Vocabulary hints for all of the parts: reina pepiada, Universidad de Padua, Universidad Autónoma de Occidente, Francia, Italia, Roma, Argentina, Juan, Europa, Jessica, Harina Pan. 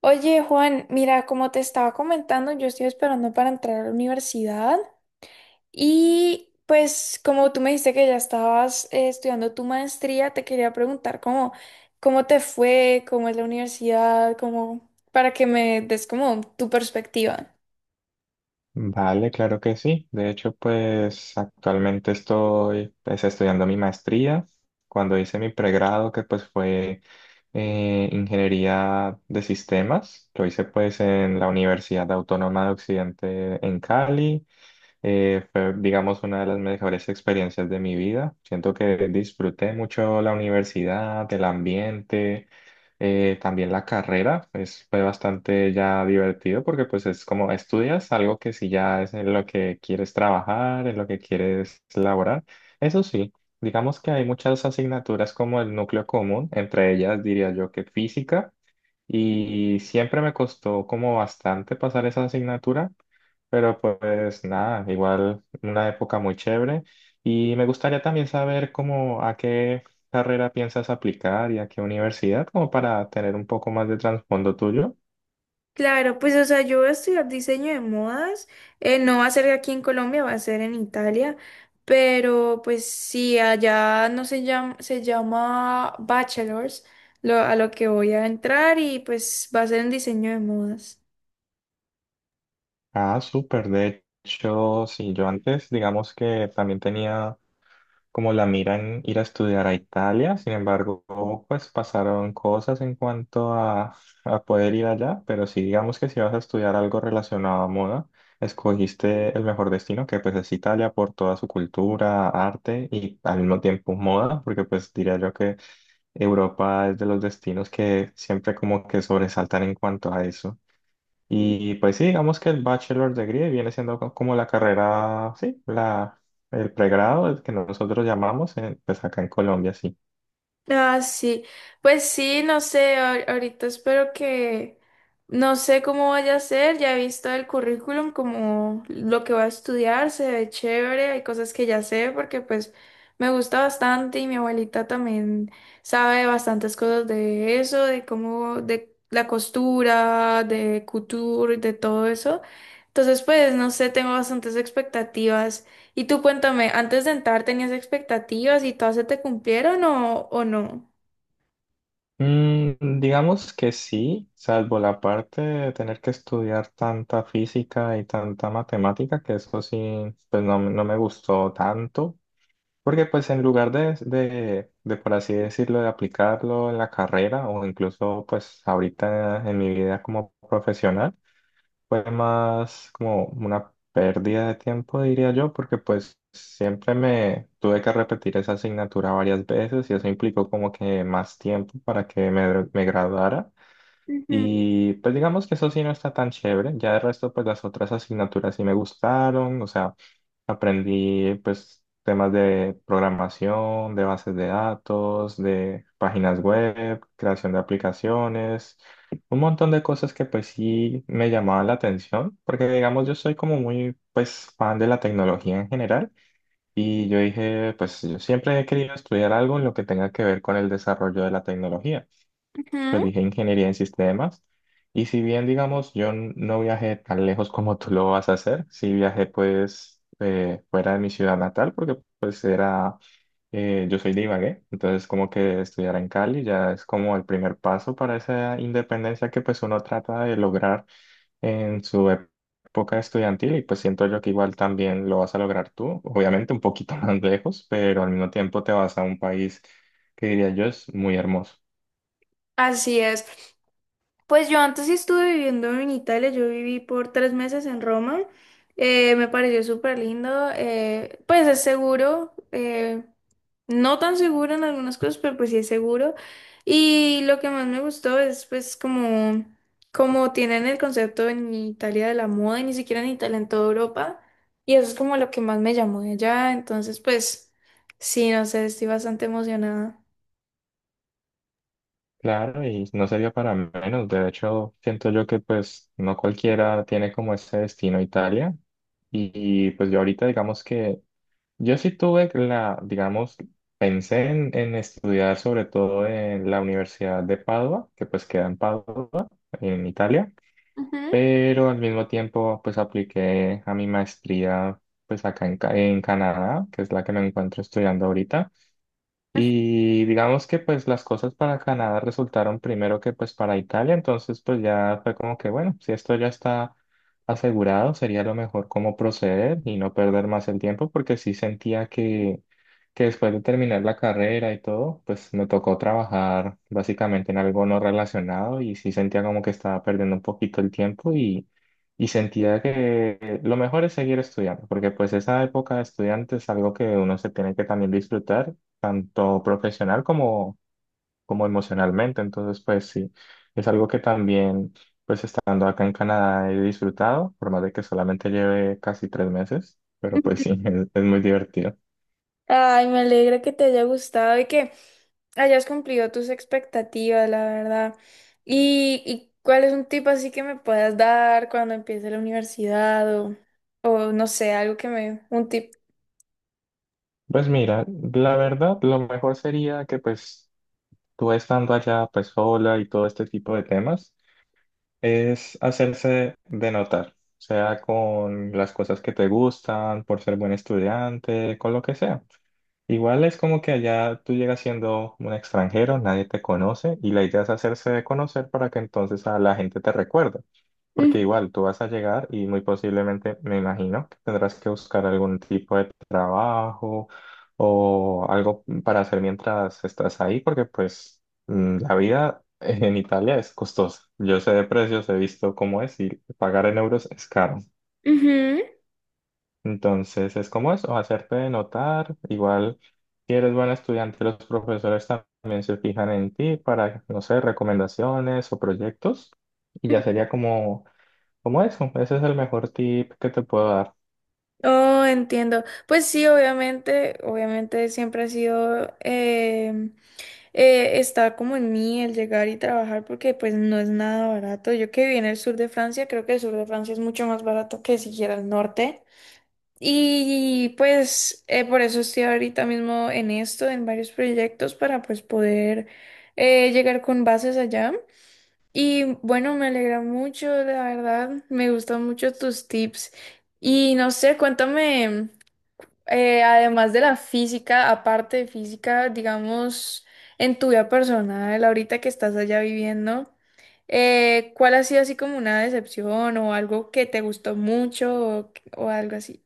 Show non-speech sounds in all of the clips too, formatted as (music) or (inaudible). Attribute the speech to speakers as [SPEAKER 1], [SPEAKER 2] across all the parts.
[SPEAKER 1] Oye, Juan, mira, como te estaba comentando, yo estoy esperando para entrar a la universidad y pues como tú me dijiste que ya estabas estudiando tu maestría, te quería preguntar cómo, cómo te fue, cómo es la universidad, cómo, para que me des como tu perspectiva.
[SPEAKER 2] Vale, claro que sí. De hecho, pues actualmente estoy pues, estudiando mi maestría. Cuando hice mi pregrado, que pues fue ingeniería de sistemas, lo hice pues en la Universidad Autónoma de Occidente en Cali. Fue, digamos, una de las mejores experiencias de mi vida. Siento que disfruté mucho la universidad, el ambiente. También la carrera, pues fue bastante ya divertido porque pues es como estudias algo que si ya es en lo que quieres trabajar, en lo que quieres laborar. Eso sí, digamos que hay muchas asignaturas como el núcleo común, entre ellas diría yo que física, y siempre me costó como bastante pasar esa asignatura, pero pues nada, igual una época muy chévere. Y me gustaría también saber cómo a qué carrera piensas aplicar y a qué universidad, como para tener un poco más de trasfondo tuyo.
[SPEAKER 1] Claro, pues o sea, yo voy a estudiar diseño de modas, no va a ser aquí en Colombia, va a ser en Italia, pero pues sí, allá no se llama, se llama bachelors, lo, a lo que voy a entrar y pues va a ser en diseño de modas.
[SPEAKER 2] Ah, súper. De hecho, sí, yo antes, digamos que también tenía como la miran ir a estudiar a Italia, sin embargo, pues pasaron cosas en cuanto a poder ir allá, pero sí digamos que si vas a estudiar algo relacionado a moda, escogiste el mejor destino, que pues es Italia por toda su cultura, arte y al mismo tiempo moda, porque pues diría yo que Europa es de los destinos que siempre como que sobresaltan en cuanto a eso. Y pues sí, digamos que el Bachelor Degree viene siendo como la carrera, sí, la, el pregrado, el que nosotros llamamos, pues acá en Colombia, sí.
[SPEAKER 1] Ah, sí. Pues sí, no sé, ahorita espero que, no sé cómo vaya a ser, ya he visto el currículum, como lo que va a estudiar, se ve chévere, hay cosas que ya sé porque pues me gusta bastante y mi abuelita también sabe bastantes cosas de eso, de cómo, de la costura, de couture, de todo eso. Entonces, pues, no sé, tengo bastantes expectativas. Y tú cuéntame, ¿antes de entrar tenías expectativas y todas se te cumplieron o no?
[SPEAKER 2] Digamos que sí, salvo la parte de tener que estudiar tanta física y tanta matemática, que eso sí, pues no, no me gustó tanto, porque pues en lugar de, por así decirlo, de aplicarlo en la carrera o incluso pues ahorita en mi vida como profesional, fue más como una pérdida de tiempo, diría yo, porque pues siempre me tuve que repetir esa asignatura varias veces y eso implicó como que más tiempo para que me graduara.
[SPEAKER 1] Ujú,
[SPEAKER 2] Y pues digamos que eso sí no está tan chévere, ya de resto pues las otras asignaturas sí me gustaron, o sea. Aprendí pues temas de programación, de bases de datos, de páginas web, creación de aplicaciones, un montón de cosas que pues sí me llamaban la atención, porque digamos yo soy como muy pues fan de la tecnología en general y yo dije pues yo siempre he querido estudiar algo en lo que tenga que ver con el desarrollo de la tecnología, pues
[SPEAKER 1] ujú.
[SPEAKER 2] dije ingeniería en sistemas. Y si bien, digamos, no viajé tan lejos como tú lo vas a hacer, sí viajé pues fuera de mi ciudad natal, porque pues era, yo soy de Ibagué, entonces como que estudiar en Cali ya es como el primer paso para esa independencia que pues uno trata de lograr en su época estudiantil y pues siento yo que igual también lo vas a lograr tú, obviamente un poquito (laughs) más lejos, pero al mismo tiempo te vas a un país que diría yo es muy hermoso.
[SPEAKER 1] Así es. Pues yo antes sí estuve viviendo en Italia, yo viví por 3 meses en Roma. Me pareció súper lindo, pues es seguro, no tan seguro en algunas cosas, pero pues sí es seguro. Y lo que más me gustó es pues como, como tienen el concepto en Italia de la moda y ni siquiera en Italia, en toda Europa. Y eso es como lo que más me llamó de allá. Entonces pues sí, no sé, estoy bastante emocionada.
[SPEAKER 2] Claro, y no sería para menos. De hecho, siento yo que pues no cualquiera tiene como ese destino Italia. Y, y, pues yo ahorita digamos que yo sí tuve la, digamos, pensé en estudiar sobre todo en la Universidad de Padua, que pues queda en Padua, en Italia.
[SPEAKER 1] Ujú.
[SPEAKER 2] Pero al mismo tiempo pues apliqué a mi maestría pues acá en, en Canadá, que es la que me encuentro estudiando ahorita. Y digamos que pues las cosas para Canadá resultaron primero que pues para Italia, entonces pues ya fue como que bueno, si esto ya está asegurado, sería lo mejor cómo proceder y no perder más el tiempo, porque sí sentía que después de terminar la carrera y todo, pues me tocó trabajar básicamente en algo no relacionado y sí sentía como que estaba perdiendo un poquito el tiempo y sentía que lo mejor es seguir estudiando, porque pues esa época de estudiante es algo que uno se tiene que también disfrutar tanto profesional como, como emocionalmente. Entonces, pues sí, es algo que también estando acá en Canadá he disfrutado, por más de que solamente lleve casi 3 meses, pero pues sí, (laughs) es muy divertido.
[SPEAKER 1] Ay, me alegra que te haya gustado y que hayas cumplido tus expectativas, la verdad. Y cuál es un tip así que me puedas dar cuando empiece la universidad o no sé, algo que me, un tip?
[SPEAKER 2] Pues mira, la verdad, lo mejor sería que pues tú estando allá pues sola y todo este tipo de temas, es hacerse de notar, sea con las cosas que te gustan, por ser buen estudiante, con lo que sea. Igual es como que allá tú llegas siendo un extranjero, nadie te conoce y la idea es hacerse de conocer para que entonces a la gente te recuerde.
[SPEAKER 1] Mm,
[SPEAKER 2] Porque igual tú vas a llegar y muy posiblemente, me imagino, que tendrás que buscar algún tipo de trabajo o algo para hacer mientras estás ahí, porque pues la vida en Italia es costosa. Yo sé de precios, he visto cómo es y pagar en euros es caro.
[SPEAKER 1] ujú.
[SPEAKER 2] Entonces es como eso, hacerte notar. Igual, si eres buen estudiante, los profesores también se fijan en ti para, no sé, recomendaciones o proyectos. Y ya sería como, como eso. Ese es el mejor tip que te puedo dar.
[SPEAKER 1] Oh, entiendo. Pues sí, obviamente, obviamente siempre ha sido, está como en mí el llegar y trabajar porque pues no es nada barato. Yo que viví en el sur de Francia, creo que el sur de Francia es mucho más barato que siquiera el norte. Y pues por eso estoy ahorita mismo en esto, en varios proyectos para pues poder llegar con bases allá. Y bueno, me alegra mucho, la verdad, me gustan mucho tus tips. Y no sé, cuéntame, además de la física, aparte de física, digamos, en tu vida personal, ahorita que estás allá viviendo, ¿cuál ha sido así como una decepción o algo que te gustó mucho o algo así?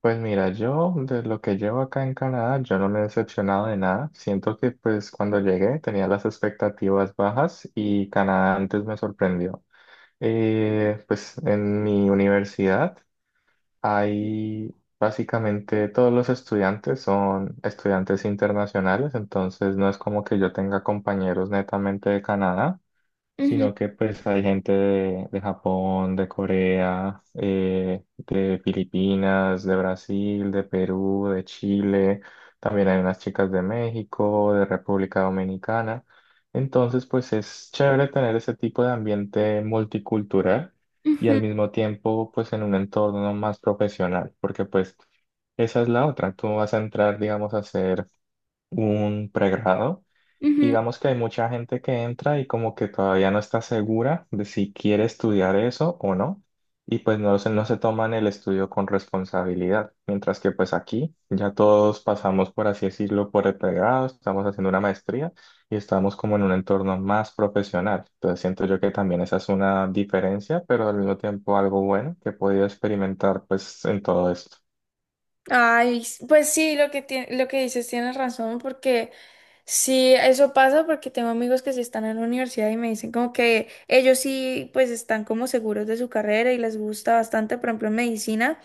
[SPEAKER 2] Pues mira, yo de lo que llevo acá en Canadá, yo no me he decepcionado de nada. Siento que pues cuando llegué tenía las expectativas bajas y Canadá antes me sorprendió. Pues en mi universidad. Hay básicamente todos los estudiantes son estudiantes internacionales, entonces no es como que yo tenga compañeros netamente de Canadá,
[SPEAKER 1] Ujú,
[SPEAKER 2] sino que pues hay gente de Japón, de Corea, de Filipinas, de Brasil, de Perú, de Chile, también hay unas chicas de México, de República Dominicana. Entonces, pues es chévere tener ese tipo de ambiente multicultural y
[SPEAKER 1] ujú.
[SPEAKER 2] al mismo tiempo pues en un entorno más profesional, porque pues esa es la otra, tú vas a entrar, digamos, a hacer un pregrado.
[SPEAKER 1] Ujú.
[SPEAKER 2] Digamos que hay mucha gente que entra y como que todavía no está segura de si quiere estudiar eso o no, y pues no se toman el estudio con responsabilidad, mientras que pues aquí ya todos pasamos, por así decirlo, por el pregrado, estamos haciendo una maestría y estamos como en un entorno más profesional. Entonces siento yo que también esa es una diferencia, pero al mismo tiempo algo bueno que he podido experimentar pues en todo esto.
[SPEAKER 1] Ay, pues sí, lo que lo que dices tienes razón, porque sí, eso pasa porque tengo amigos que sí están en la universidad y me dicen como que ellos sí, pues están como seguros de su carrera y les gusta bastante, por ejemplo, en medicina.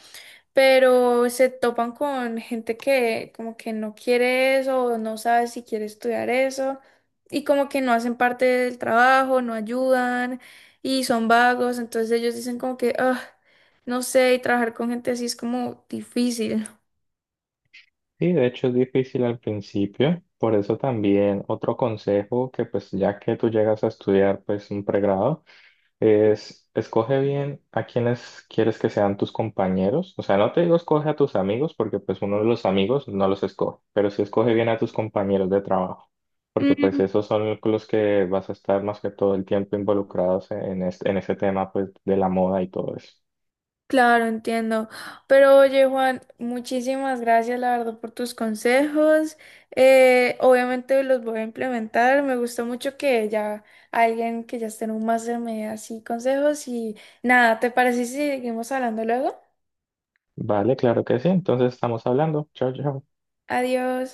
[SPEAKER 1] Pero se topan con gente que como que no quiere eso o no sabe si quiere estudiar eso y como que no hacen parte del trabajo, no ayudan y son vagos, entonces ellos dicen como que, ah, no sé, y trabajar con gente así es como difícil.
[SPEAKER 2] Sí, de hecho es difícil al principio, por eso también otro consejo que pues ya que tú llegas a estudiar pues un pregrado es escoge bien a quienes quieres que sean tus compañeros, o sea, no te digo escoge a tus amigos porque pues uno de los amigos no los escoge, pero sí escoge bien a tus compañeros de trabajo, porque pues esos son los que vas a estar más que todo el tiempo involucrados en este, en ese tema pues de la moda y todo eso.
[SPEAKER 1] Claro, entiendo. Pero oye, Juan, muchísimas gracias, la verdad, por tus consejos. Obviamente los voy a implementar. Me gustó mucho que ya alguien que ya esté en un máster me dé así consejos. Y nada, ¿te parece si seguimos hablando luego?
[SPEAKER 2] Vale, claro que sí, entonces estamos hablando. Chao, chao.
[SPEAKER 1] Adiós.